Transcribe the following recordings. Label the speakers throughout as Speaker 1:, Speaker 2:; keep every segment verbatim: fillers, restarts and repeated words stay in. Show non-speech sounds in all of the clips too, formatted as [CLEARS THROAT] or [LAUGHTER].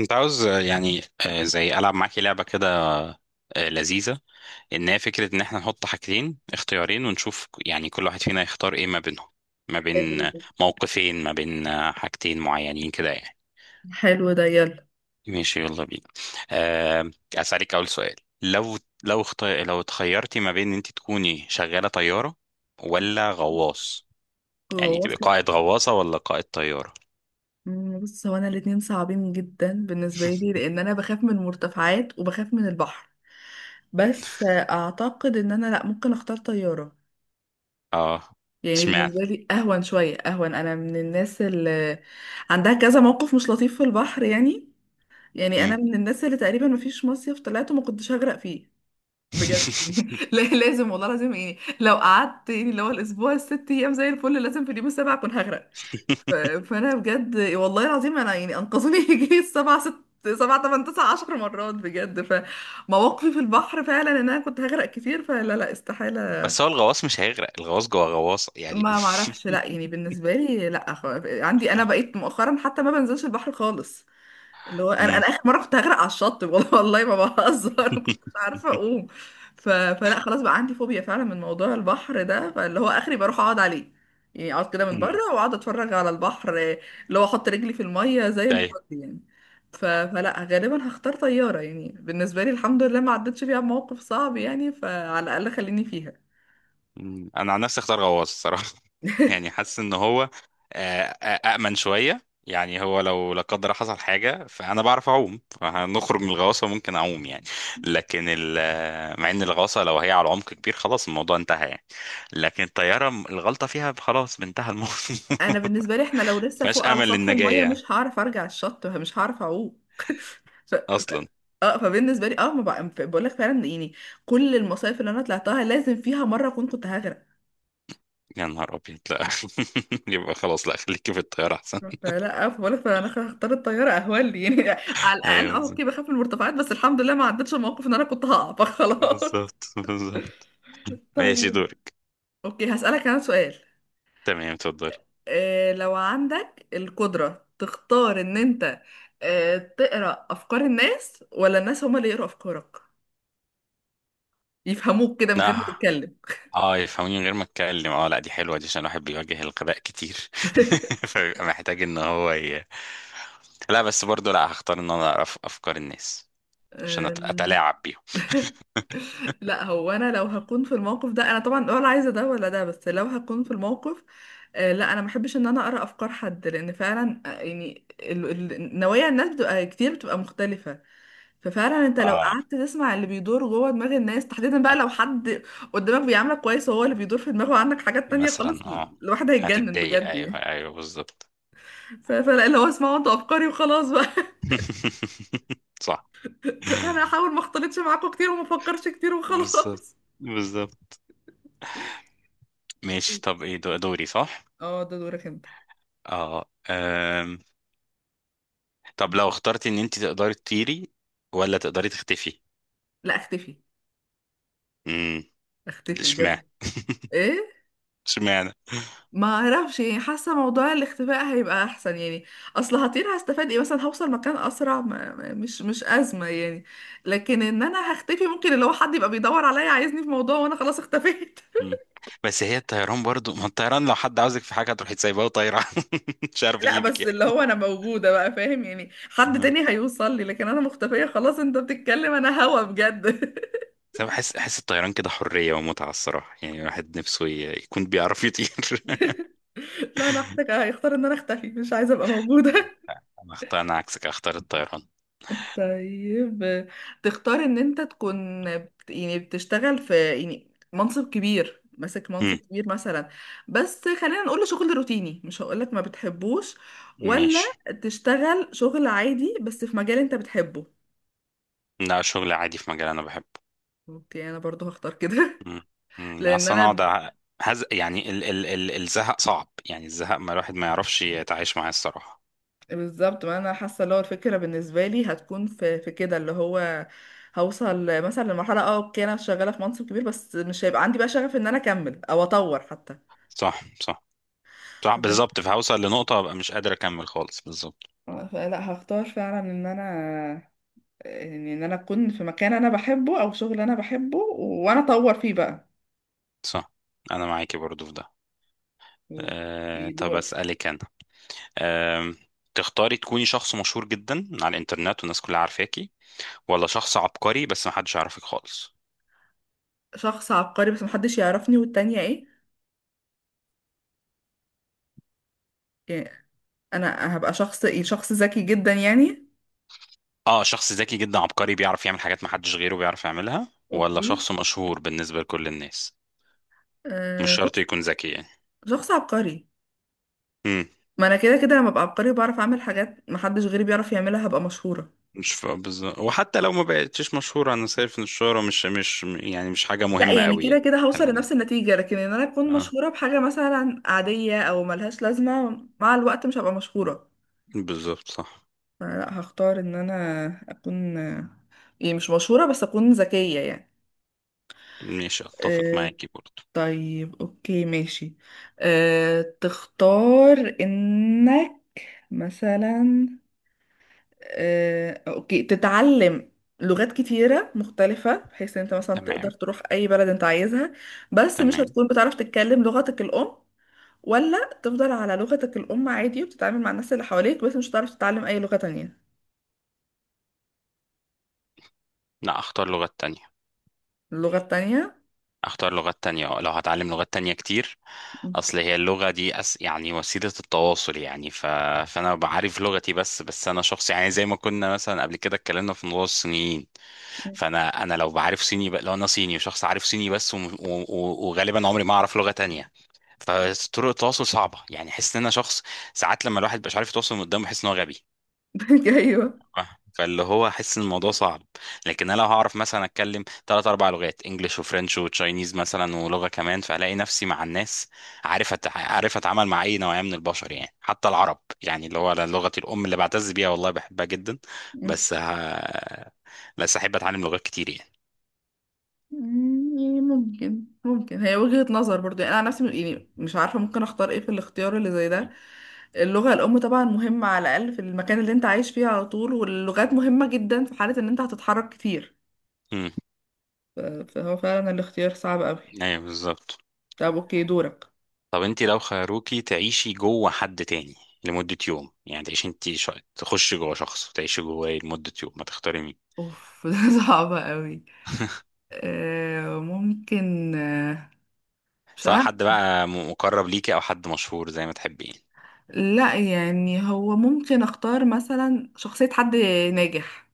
Speaker 1: كنت عاوز آه، يعني آه، زي ألعب معاكي لعبة كده. آه، لذيذة. إن هي فكرة إن إحنا نحط حاجتين اختيارين ونشوف ك- يعني كل واحد فينا يختار إيه ما بينهم. ما
Speaker 2: حلو
Speaker 1: بين آه،
Speaker 2: ده.
Speaker 1: موقفين، ما بين آه، حاجتين معينين كده يعني.
Speaker 2: حلو ده، يلا
Speaker 1: ماشي يلا بينا. آه، أسألك أول سؤال. لو لو اخت... لو اتخيرتي ما بين إن أنت تكوني شغالة طيارة ولا غواص؟ يعني
Speaker 2: هو
Speaker 1: تبقى
Speaker 2: واصلة.
Speaker 1: قائد غواصة ولا قائد طيارة؟
Speaker 2: مم، بص، هو انا الاتنين صعبين جدا بالنسبة لي لان انا بخاف من المرتفعات وبخاف من البحر. بس آه، اعتقد ان انا، لا، ممكن اختار طيارة.
Speaker 1: اه.
Speaker 2: يعني
Speaker 1: اشمعنى؟
Speaker 2: بالنسبة لي اهون شوية، اهون. انا من الناس اللي عندها كذا موقف مش لطيف في البحر يعني. يعني
Speaker 1: مم.
Speaker 2: انا من الناس اللي تقريبا مفيش مصيف طلعته ما كنتش هغرق فيه بجد. [LAUGHS] لا لازم، والله لازم، يعني لو قعدت يعني اللي هو الاسبوع الست ايام زي الفل، لازم في اليوم السابع اكون هغرق. ف-
Speaker 1: [LAUGHS]
Speaker 2: فانا بجد، والله العظيم، انا يعني انقذوني [LAUGHS] يجي سبع ست سبع تمن تسع عشر مرات بجد. فمواقفي في البحر فعلا ان انا كنت هغرق كتير، فلا لا، استحاله.
Speaker 1: بس هو الغواص مش هيغرق، الغواص جوه غواصة يعني.
Speaker 2: ما معرفش، لا، يعني بالنسبه لي لا، خ- عندي انا بقيت مؤخرا حتى ما بنزلش البحر خالص. اللي
Speaker 1: [LAUGHS]
Speaker 2: هو انا
Speaker 1: مم.
Speaker 2: انا اخر مره كنت هغرق على الشط، [LAUGHS] والله والله ما بهزر، ما كنتش عارفه اقوم. ف... فلا خلاص، بقى عندي فوبيا فعلا من موضوع البحر ده. فاللي هو اخري بروح اقعد عليه، يعني اقعد كده من بره
Speaker 1: مم.
Speaker 2: واقعد اتفرج على البحر. اللي هو احط رجلي في الميه زي
Speaker 1: ايوه.
Speaker 2: الفل يعني. ف... فلا غالبا هختار طياره. يعني بالنسبه لي الحمد لله ما عدتش فيها بموقف صعب، يعني فعلى الاقل خليني فيها.
Speaker 1: مم. انا عن نفسي اختار غواص الصراحة. [LAUGHS] يعني حاسس ان هو آه، آه، أأمن شوية، يعني هو لو لا قدر حصل حاجة فأنا بعرف أعوم، فهنخرج من الغواصة ممكن أعوم يعني. لكن ال- آه، مع إن الغواصة لو هي على عمق كبير خلاص الموضوع انتهى يعني. لكن الطيارة م- الغلطة فيها خلاص انتهى الموضوع. [LAUGHS]
Speaker 2: انا بالنسبه لي احنا لو لسه
Speaker 1: مفيهاش
Speaker 2: فوق على
Speaker 1: أمل
Speaker 2: سطح
Speaker 1: للنجاة
Speaker 2: الميه
Speaker 1: يعني،
Speaker 2: مش هعرف ارجع الشط، مش هعرف اعوم. [LAUGHS] ف... ف...
Speaker 1: أصلا.
Speaker 2: اه، فبالنسبه لي اه، ما بقى... بقول لك فعلا يعني كل المصايف اللي انا طلعتها لازم فيها مره اكون كنت هغرق.
Speaker 1: يا نهار أبيض لا. [LAUGHS] يبقى خلاص، لا، خليكي في الطيارة أحسن.
Speaker 2: فلا، بقول لك انا هختار الطياره، اهون لي يعني. [LAUGHS] على الاقل
Speaker 1: ايوه
Speaker 2: اه،
Speaker 1: بالظبط.
Speaker 2: اوكي بخاف من المرتفعات، بس الحمد لله ما عدتش الموقف ان انا كنت هقع فخلاص.
Speaker 1: بالظبط بالظبط.
Speaker 2: [LAUGHS]
Speaker 1: ماشي
Speaker 2: طيب،
Speaker 1: دورك.
Speaker 2: اوكي هسألك انا سؤال.
Speaker 1: تمام اتفضلي.
Speaker 2: إيه لو عندك القدرة تختار ان انت آه، تقرأ افكار الناس، ولا الناس هما اللي يقرأوا افكارك يفهموك كده من غير ما
Speaker 1: اه.
Speaker 2: تتكلم؟
Speaker 1: اه يفهموني من غير ما اتكلم، اه، لا دي حلوه دي عشان الواحد بيواجه الغباء كتير. [LAUGHS]
Speaker 2: [LAUGHS]
Speaker 1: فبيبقى محتاج ان هو ي... لا، بس برضو لا، هختار ان انا اعرف افكار الناس عشان أت-
Speaker 2: أم،
Speaker 1: اتلاعب بيهم.
Speaker 2: لا، هو انا لو هكون في الموقف ده انا طبعا ولا عايزه ده ولا ده، بس لو هكون في الموقف آه، لا، انا ما بحبش ان انا اقرا افكار حد، لان فعلا آه، يعني ال- ال- نوايا الناس بتبقى كتير، بتبقى مختلفه. ففعلا انت لو
Speaker 1: اه.
Speaker 2: قعدت تسمع اللي بيدور جوه دماغ الناس، تحديدا بقى لو
Speaker 1: هت-
Speaker 2: حد قدامك بيعاملك كويس وهو اللي بيدور في دماغه عندك حاجات تانية، خلاص
Speaker 1: مثلا
Speaker 2: ال-
Speaker 1: اه.
Speaker 2: الواحد هيتجنن
Speaker 1: هتتضايق.
Speaker 2: بجد
Speaker 1: ايوه
Speaker 2: يعني.
Speaker 1: ايوه بالظبط.
Speaker 2: ف- فلا، اللي هو اسمعوا انتوا افكاري وخلاص بقى.
Speaker 1: [LAUGHS] صح.
Speaker 2: انا هحاول ما اختلطش معاكم كتير وما افكرش كتير
Speaker 1: بالظبط.
Speaker 2: وخلاص.
Speaker 1: بالظبط. ماشي، طب ايه دو- دوري؟ صح.
Speaker 2: اه، ده دورك انت.
Speaker 1: اه. طب لو اخترتي ان انت تقدري تطيري ولا تقدري تختفي؟
Speaker 2: لا، اختفي.
Speaker 1: امم.
Speaker 2: اختفي
Speaker 1: اشمعنى؟
Speaker 2: بجد. ايه.
Speaker 1: اشمعنى؟
Speaker 2: ما اعرفش يعني، حاسه موضوع الاختفاء هيبقى احسن يعني. اصل هطير، هستفاد ايه؟ مثلا هوصل مكان اسرع، ما ما- مش مش ازمه يعني. لكن ان انا هختفي ممكن اللي هو حد يبقى بيدور عليا عايزني في موضوع وانا خلاص اختفيت. [LAUGHS]
Speaker 1: مم. بس هي الطيران برضو، ما الطيران لو حد عاوزك في حاجه تروحي تسيبها وطايره. [LAUGHS] مش عارف
Speaker 2: لا
Speaker 1: يجيبك
Speaker 2: بس اللي
Speaker 1: يعني.
Speaker 2: هو انا موجوده بقى، فاهم يعني؟ حد
Speaker 1: آه.
Speaker 2: تاني هيوصل لي، لكن انا مختفيه خلاص. انت بتتكلم انا هوا بجد.
Speaker 1: بس انا بحس احس الطيران كده حريه ومتعه الصراحه، يعني الواحد نفسه ي- يكون بيعرف يطير. [LAUGHS]
Speaker 2: [LAUGHS] لا انا هحتاج- هيختار ان انا اختفي، مش عايزه ابقى موجوده.
Speaker 1: انا اختار انا عكسك، اختار الطيران.
Speaker 2: طيب، تختار ان انت تكون بت- يعني بتشتغل في يعني منصب كبير، ماسك منصب
Speaker 1: مم.
Speaker 2: كبير مثلا، بس خلينا نقول شغل روتيني مش هقولك ما بتحبوش، ولا
Speaker 1: ماشي.
Speaker 2: تشتغل شغل عادي بس في مجال انت بتحبه؟
Speaker 1: لا شغل عادي في مجال انا بحبه.
Speaker 2: اوكي، انا برضو هختار كده.
Speaker 1: مم.
Speaker 2: [LAUGHS]
Speaker 1: مم.
Speaker 2: لان
Speaker 1: اصلا اقعد
Speaker 2: انا
Speaker 1: أ- هز... يعني ال... ال... ال... الزهق صعب يعني، الزهق ما الواحد ما يعرفش يتعايش معاه الصراحه.
Speaker 2: بالظبط، ما انا حاسه اللي هو الفكره بالنسبه لي هتكون في في كده. اللي هو هوصل مثلا لمرحله اه اوكي انا شغاله في منصب كبير بس مش هيبقى عندي بقى شغف ان انا اكمل او اطور حتى.
Speaker 1: صح صح. صح بالظبط، فهوصل لنقطة هبقى مش قادر أكمل خالص. بالظبط.
Speaker 2: لا، هختار فعلا ان انا يعني ان انا اكون في مكان انا بحبه او شغل انا بحبه وانا اطور فيه بقى.
Speaker 1: صح. أنا معاكي برضو في ده. أه
Speaker 2: في
Speaker 1: طب
Speaker 2: دورك.
Speaker 1: أسألك أنا. أه تختاري تكوني شخص مشهور جدا على الإنترنت والناس كلها عارفاكي، ولا شخص عبقري بس محدش يعرفك خالص؟
Speaker 2: شخص عبقري بس محدش يعرفني، والتانية ايه؟ يعني انا هبقى شخص ايه، شخص ذكي جدا يعني؟
Speaker 1: اه شخص ذكي جدا عبقري بيعرف يعمل حاجات محدش غيره بيعرف يعملها ولا
Speaker 2: اوكي.
Speaker 1: شخص مشهور بالنسبة لكل الناس؟ مش
Speaker 2: آه،
Speaker 1: شرط
Speaker 2: شخص،
Speaker 1: يكون ذكي يعني.
Speaker 2: شخص عبقري.
Speaker 1: امم.
Speaker 2: ما انا كده كده لما ابقى عبقري بعرف اعمل حاجات محدش غيري بيعرف يعملها هبقى مشهورة.
Speaker 1: مش ف- بالظبط، وحتى لو ما بقتش مشهورة أنا شايف إن الشهرة مش مش يعني مش حاجة
Speaker 2: لا،
Speaker 1: مهمة
Speaker 2: يعني
Speaker 1: قوي
Speaker 2: كده
Speaker 1: يعني.
Speaker 2: كده هوصل
Speaker 1: خلينا-
Speaker 2: لنفس النتيجة، لكن ان انا اكون
Speaker 1: اه.
Speaker 2: مشهورة بحاجة مثلا عادية او ملهاش لازمة، مع الوقت مش هبقى مشهورة.
Speaker 1: بالظبط صح.
Speaker 2: لا، هختار ان انا اكون يعني مش مشهورة بس اكون ذكية يعني.
Speaker 1: مش اتفق
Speaker 2: أه.
Speaker 1: معاكي برضه.
Speaker 2: طيب، اوكي ماشي. أه، تختار انك مثلا، أه اوكي، تتعلم لغات كتيرة مختلفة بحيث ان انت مثلا تقدر
Speaker 1: تمام.
Speaker 2: تروح اي بلد انت عايزها، بس مش
Speaker 1: تمام.
Speaker 2: هتكون بتعرف تتكلم لغتك الام، ولا تفضل على لغتك الام عادي وبتتعامل مع الناس اللي حواليك بس مش هتعرف تتعلم اي لغة تانية؟
Speaker 1: لا، اختار لغات تانية.
Speaker 2: اللغة التانية.
Speaker 1: اختار لغات تانية، آه، لو هتعلم لغات تانية كتير. اصل هي اللغة دي أس... يعني وسيلة التواصل يعني. ف... فانا بعرف لغتي بس بس انا شخص يعني زي ما كنا مثلا قبل كده اتكلمنا في موضوع الصينيين. فانا انا لو بعرف صيني ب... لو انا صيني وشخص عارف صيني بس، وم... و... و... وغالبا عمري ما اعرف لغة تانية. فطرق التواصل صعبة يعني، احس ان انا شخص ساعات لما الواحد مش عارف يتواصل من قدامه بحس ان هو غبي.
Speaker 2: [LAUGHS] ايوه.
Speaker 1: آه. فاللي هو احس ان الموضوع صعب. لكن انا لو هعرف مثلا اتكلم ثلاث اربع لغات انجليش وفرنش وتشاينيز مثلا ولغه كمان، فهلاقي نفسي مع الناس. عارف أت... عارف اتعامل مع اي نوعيه من البشر يعني، حتى العرب يعني اللي هو لغتي الام اللي بعتز بيها والله بحبها جدا.
Speaker 2: مم.
Speaker 1: بس ه... بس احب اتعلم لغات كتير يعني.
Speaker 2: يعني ممكن، ممكن هي وجهة نظر برضو. يعني انا عن نفسي يعني مش عارفة ممكن اختار ايه في الاختيار اللي زي ده. اللغة الام طبعا مهمة على الاقل في المكان اللي انت عايش فيه على طول، واللغات مهمة جدا في حالة ان انت هتتحرك كتير.
Speaker 1: امم.
Speaker 2: ف- فهو فعلا الاختيار صعب قوي.
Speaker 1: ايوه بالظبط.
Speaker 2: طب اوكي، دورك.
Speaker 1: طب انت لو خيروكي تعيشي جوه حد تاني لمدة يوم، يعني تعيشي انت ش... تخشي جوه شخص وتعيشي جواه لمدة يوم، ما تختاري؟
Speaker 2: اوف. [LAUGHS] ده صعب قوي. آه، ممكن، آه، مش
Speaker 1: سواء
Speaker 2: عارف.
Speaker 1: حد بقى م- مقرب ليكي او حد مشهور زي ما تحبي يعني.
Speaker 2: لا يعني هو ممكن اختار مثلا شخصية حد ناجح،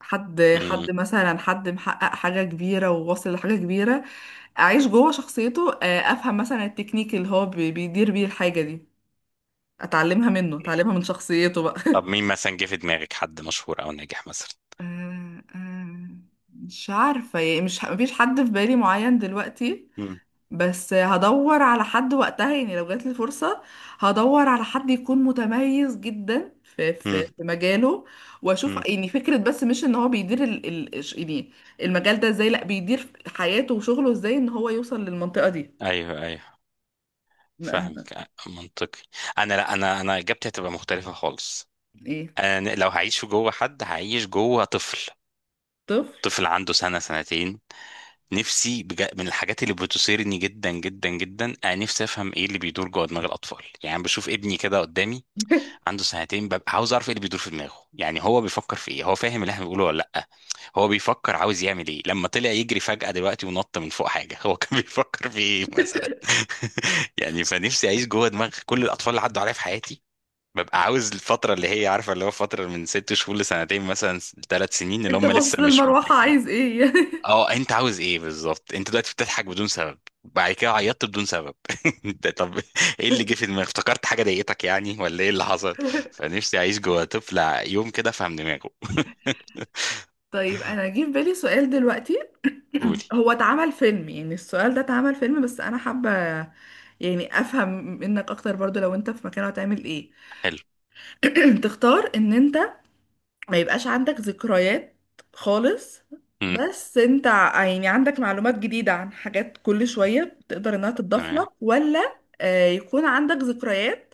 Speaker 2: حد
Speaker 1: مم.
Speaker 2: حد مثلا، حد محقق حاجة كبيرة وواصل لحاجة كبيرة. أعيش جوه شخصيته، آه، أفهم مثلا التكنيك اللي هو بي- بيدير بيه الحاجة دي، أتعلمها منه،
Speaker 1: مم.
Speaker 2: أتعلمها من شخصيته بقى. [LAUGHS]
Speaker 1: طب مين مثلا جه في دماغك، حد مشهور او ناجح مثلا؟
Speaker 2: آه، آه، مش عارفة يعني، مش مفيش حد في بالي معين دلوقتي،
Speaker 1: مم.
Speaker 2: بس هدور على حد وقتها. يعني لو جات لي فرصة هدور على حد يكون متميز جدا في
Speaker 1: مم.
Speaker 2: في في مجاله، واشوف
Speaker 1: مم.
Speaker 2: يعني فكرة، بس مش ان هو بيدير ال ال ش- يعني المجال ده ازاي، لا بيدير حياته وشغله ازاي ان هو يوصل للمنطقة دي.
Speaker 1: ايوه ايوه
Speaker 2: لا أنا-
Speaker 1: فاهمك، آه، منطقي. انا، لا، انا انا اجابتي هتبقى مختلفه خالص.
Speaker 2: ايه،
Speaker 1: انا لو هعيش جوه حد هعيش جوه طفل.
Speaker 2: طفل.
Speaker 1: طفل عنده سنه سنتين. نفسي بجا... من الحاجات اللي بتثيرني جدا جدا جدا، انا نفسي افهم ايه اللي بيدور جوه دماغ الاطفال. يعني بشوف ابني كده قدامي
Speaker 2: [LAUGHS]
Speaker 1: عنده سنتين، ببقى عاوز اعرف ايه اللي بيدور في دماغه. يعني هو بيفكر في ايه؟ هو فاهم اللي احنا بنقوله ولا لا؟ هو بيفكر عاوز يعمل ايه لما طلع يجري فجأة دلوقتي ونط من فوق حاجة؟ هو كان [LAUGHS] بيفكر في ايه مثلا. [LAUGHS] يعني فنفسي اعيش جوه دماغ كل الاطفال اللي عدوا عليها في حياتي. ببقى عاوز الفترة اللي هي عارفة اللي هو فترة من ست شهور لسنتين مثلا، ثلاث سنين، اللي
Speaker 2: انت
Speaker 1: هم
Speaker 2: باصص
Speaker 1: لسه مش
Speaker 2: للمروحة
Speaker 1: مدركين.
Speaker 2: عايز ايه؟
Speaker 1: اه انت عاوز ايه بالظبط؟ انت دلوقتي بتضحك بدون سبب، بعد كده عيطت بدون سبب. [LAUGHS] انت طب، ايه اللي جه في
Speaker 2: [LAUGHS]
Speaker 1: دماغك؟ افتكرت حاجه ضايقتك يعني ولا ايه اللي حصل؟ فنفسي اعيش جوه طفل ع- يوم كده افهم دماغه. [LAUGHS]
Speaker 2: طيب، انا جه في بالي سؤال دلوقتي.
Speaker 1: قولي.
Speaker 2: [CLEARS THROAT] هو اتعمل فيلم، يعني السؤال ده اتعمل فيلم، بس انا حابة يعني افهم منك اكتر برضو، لو انت في مكانه هتعمل ايه.
Speaker 1: حلو.
Speaker 2: [CLEARS THROAT] تختار ان انت ما يبقاش عندك ذكريات خالص،
Speaker 1: امم.
Speaker 2: بس انت يعني عندك معلومات جديدة عن حاجات كل شوية تقدر انها تضاف
Speaker 1: تمام.
Speaker 2: لك، ولا آه، يكون عندك ذكريات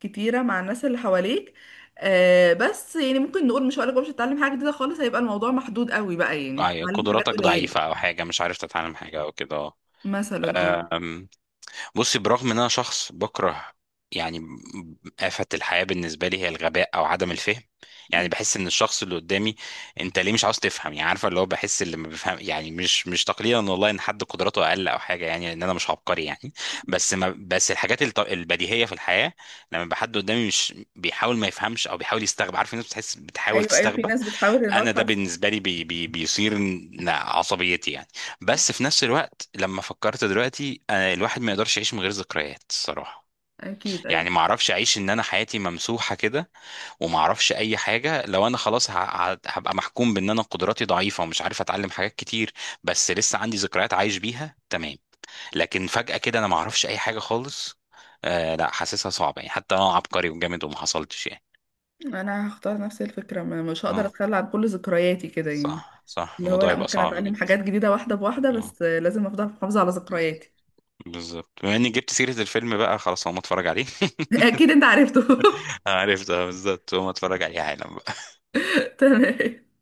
Speaker 2: كتيرة مع الناس اللي حواليك، آه، بس يعني ممكن نقول، مش هقولك بقى مش هتتعلم حاجة جديدة خالص، هيبقى الموضوع محدود قوي بقى، يعني
Speaker 1: أي-
Speaker 2: هتتعلم حاجات
Speaker 1: قدراتك
Speaker 2: قليلة
Speaker 1: ضعيفه او حاجه مش عارف تتعلم حاجه او كده.
Speaker 2: مثلا اه.
Speaker 1: اه. بصي، برغم ان انا شخص بكره يعني آفة الحياة بالنسبة لي هي الغباء او عدم الفهم، يعني بحس ان الشخص اللي قدامي انت ليه مش عاوز تفهم؟ يعني عارفة اللي هو بحس اللي ما بفهم يعني مش مش تقليلا والله ان حد قدراته اقل او حاجة يعني، لان انا مش عبقري يعني. بس، ما بس الحاجات الط- البديهية في الحياة، لما بحد قدامي مش بيحاول ما يفهمش او بيحاول يستغرب، عارف الناس بتحس بتحاول
Speaker 2: ايوه ايوه، في
Speaker 1: تستغبى.
Speaker 2: ناس بتحاول انها
Speaker 1: انا ده
Speaker 2: تحسن.
Speaker 1: بالنسبه لي بي بي بيثير ن- عصبيتي يعني. بس في نفس الوقت لما فكرت دلوقتي، أنا الواحد ما يقدرش يعيش من غير ذكريات الصراحه.
Speaker 2: اكيد، ايوه.
Speaker 1: يعني ما اعرفش اعيش ان انا حياتي ممسوحه كده، وما اعرفش اي حاجه. لو انا خلاص ه- ه- هبقى محكوم بان انا قدراتي ضعيفه ومش عارف اتعلم حاجات كتير بس لسه عندي ذكريات عايش بيها تمام. لكن فجاه كده انا ما اعرفش اي حاجه خالص. آه لا، حاسسها صعبه يعني حتى انا عبقري وجامد وما حصلتش يعني.
Speaker 2: انا هختار نفس الفكره، ما مش هقدر
Speaker 1: اه
Speaker 2: اتخلى عن كل ذكرياتي كده يعني.
Speaker 1: صح صح،
Speaker 2: اللي هو
Speaker 1: الموضوع
Speaker 2: لا،
Speaker 1: يبقى
Speaker 2: ممكن
Speaker 1: صعب
Speaker 2: اتعلم
Speaker 1: جدا.
Speaker 2: حاجات جديده واحده بواحده،
Speaker 1: اه
Speaker 2: بس لازم افضل محافظه على ذكرياتي.
Speaker 1: بالظبط. بما اني جبت سيرة الفيلم بقى خلاص هقوم اتفرج عليه.
Speaker 2: [LAUGHS] اكيد انت عرفته.
Speaker 1: [LAUGHS] عارف ده، بالظبط هقوم اتفرج عليه حالا.
Speaker 2: [LAUGHS] تمام.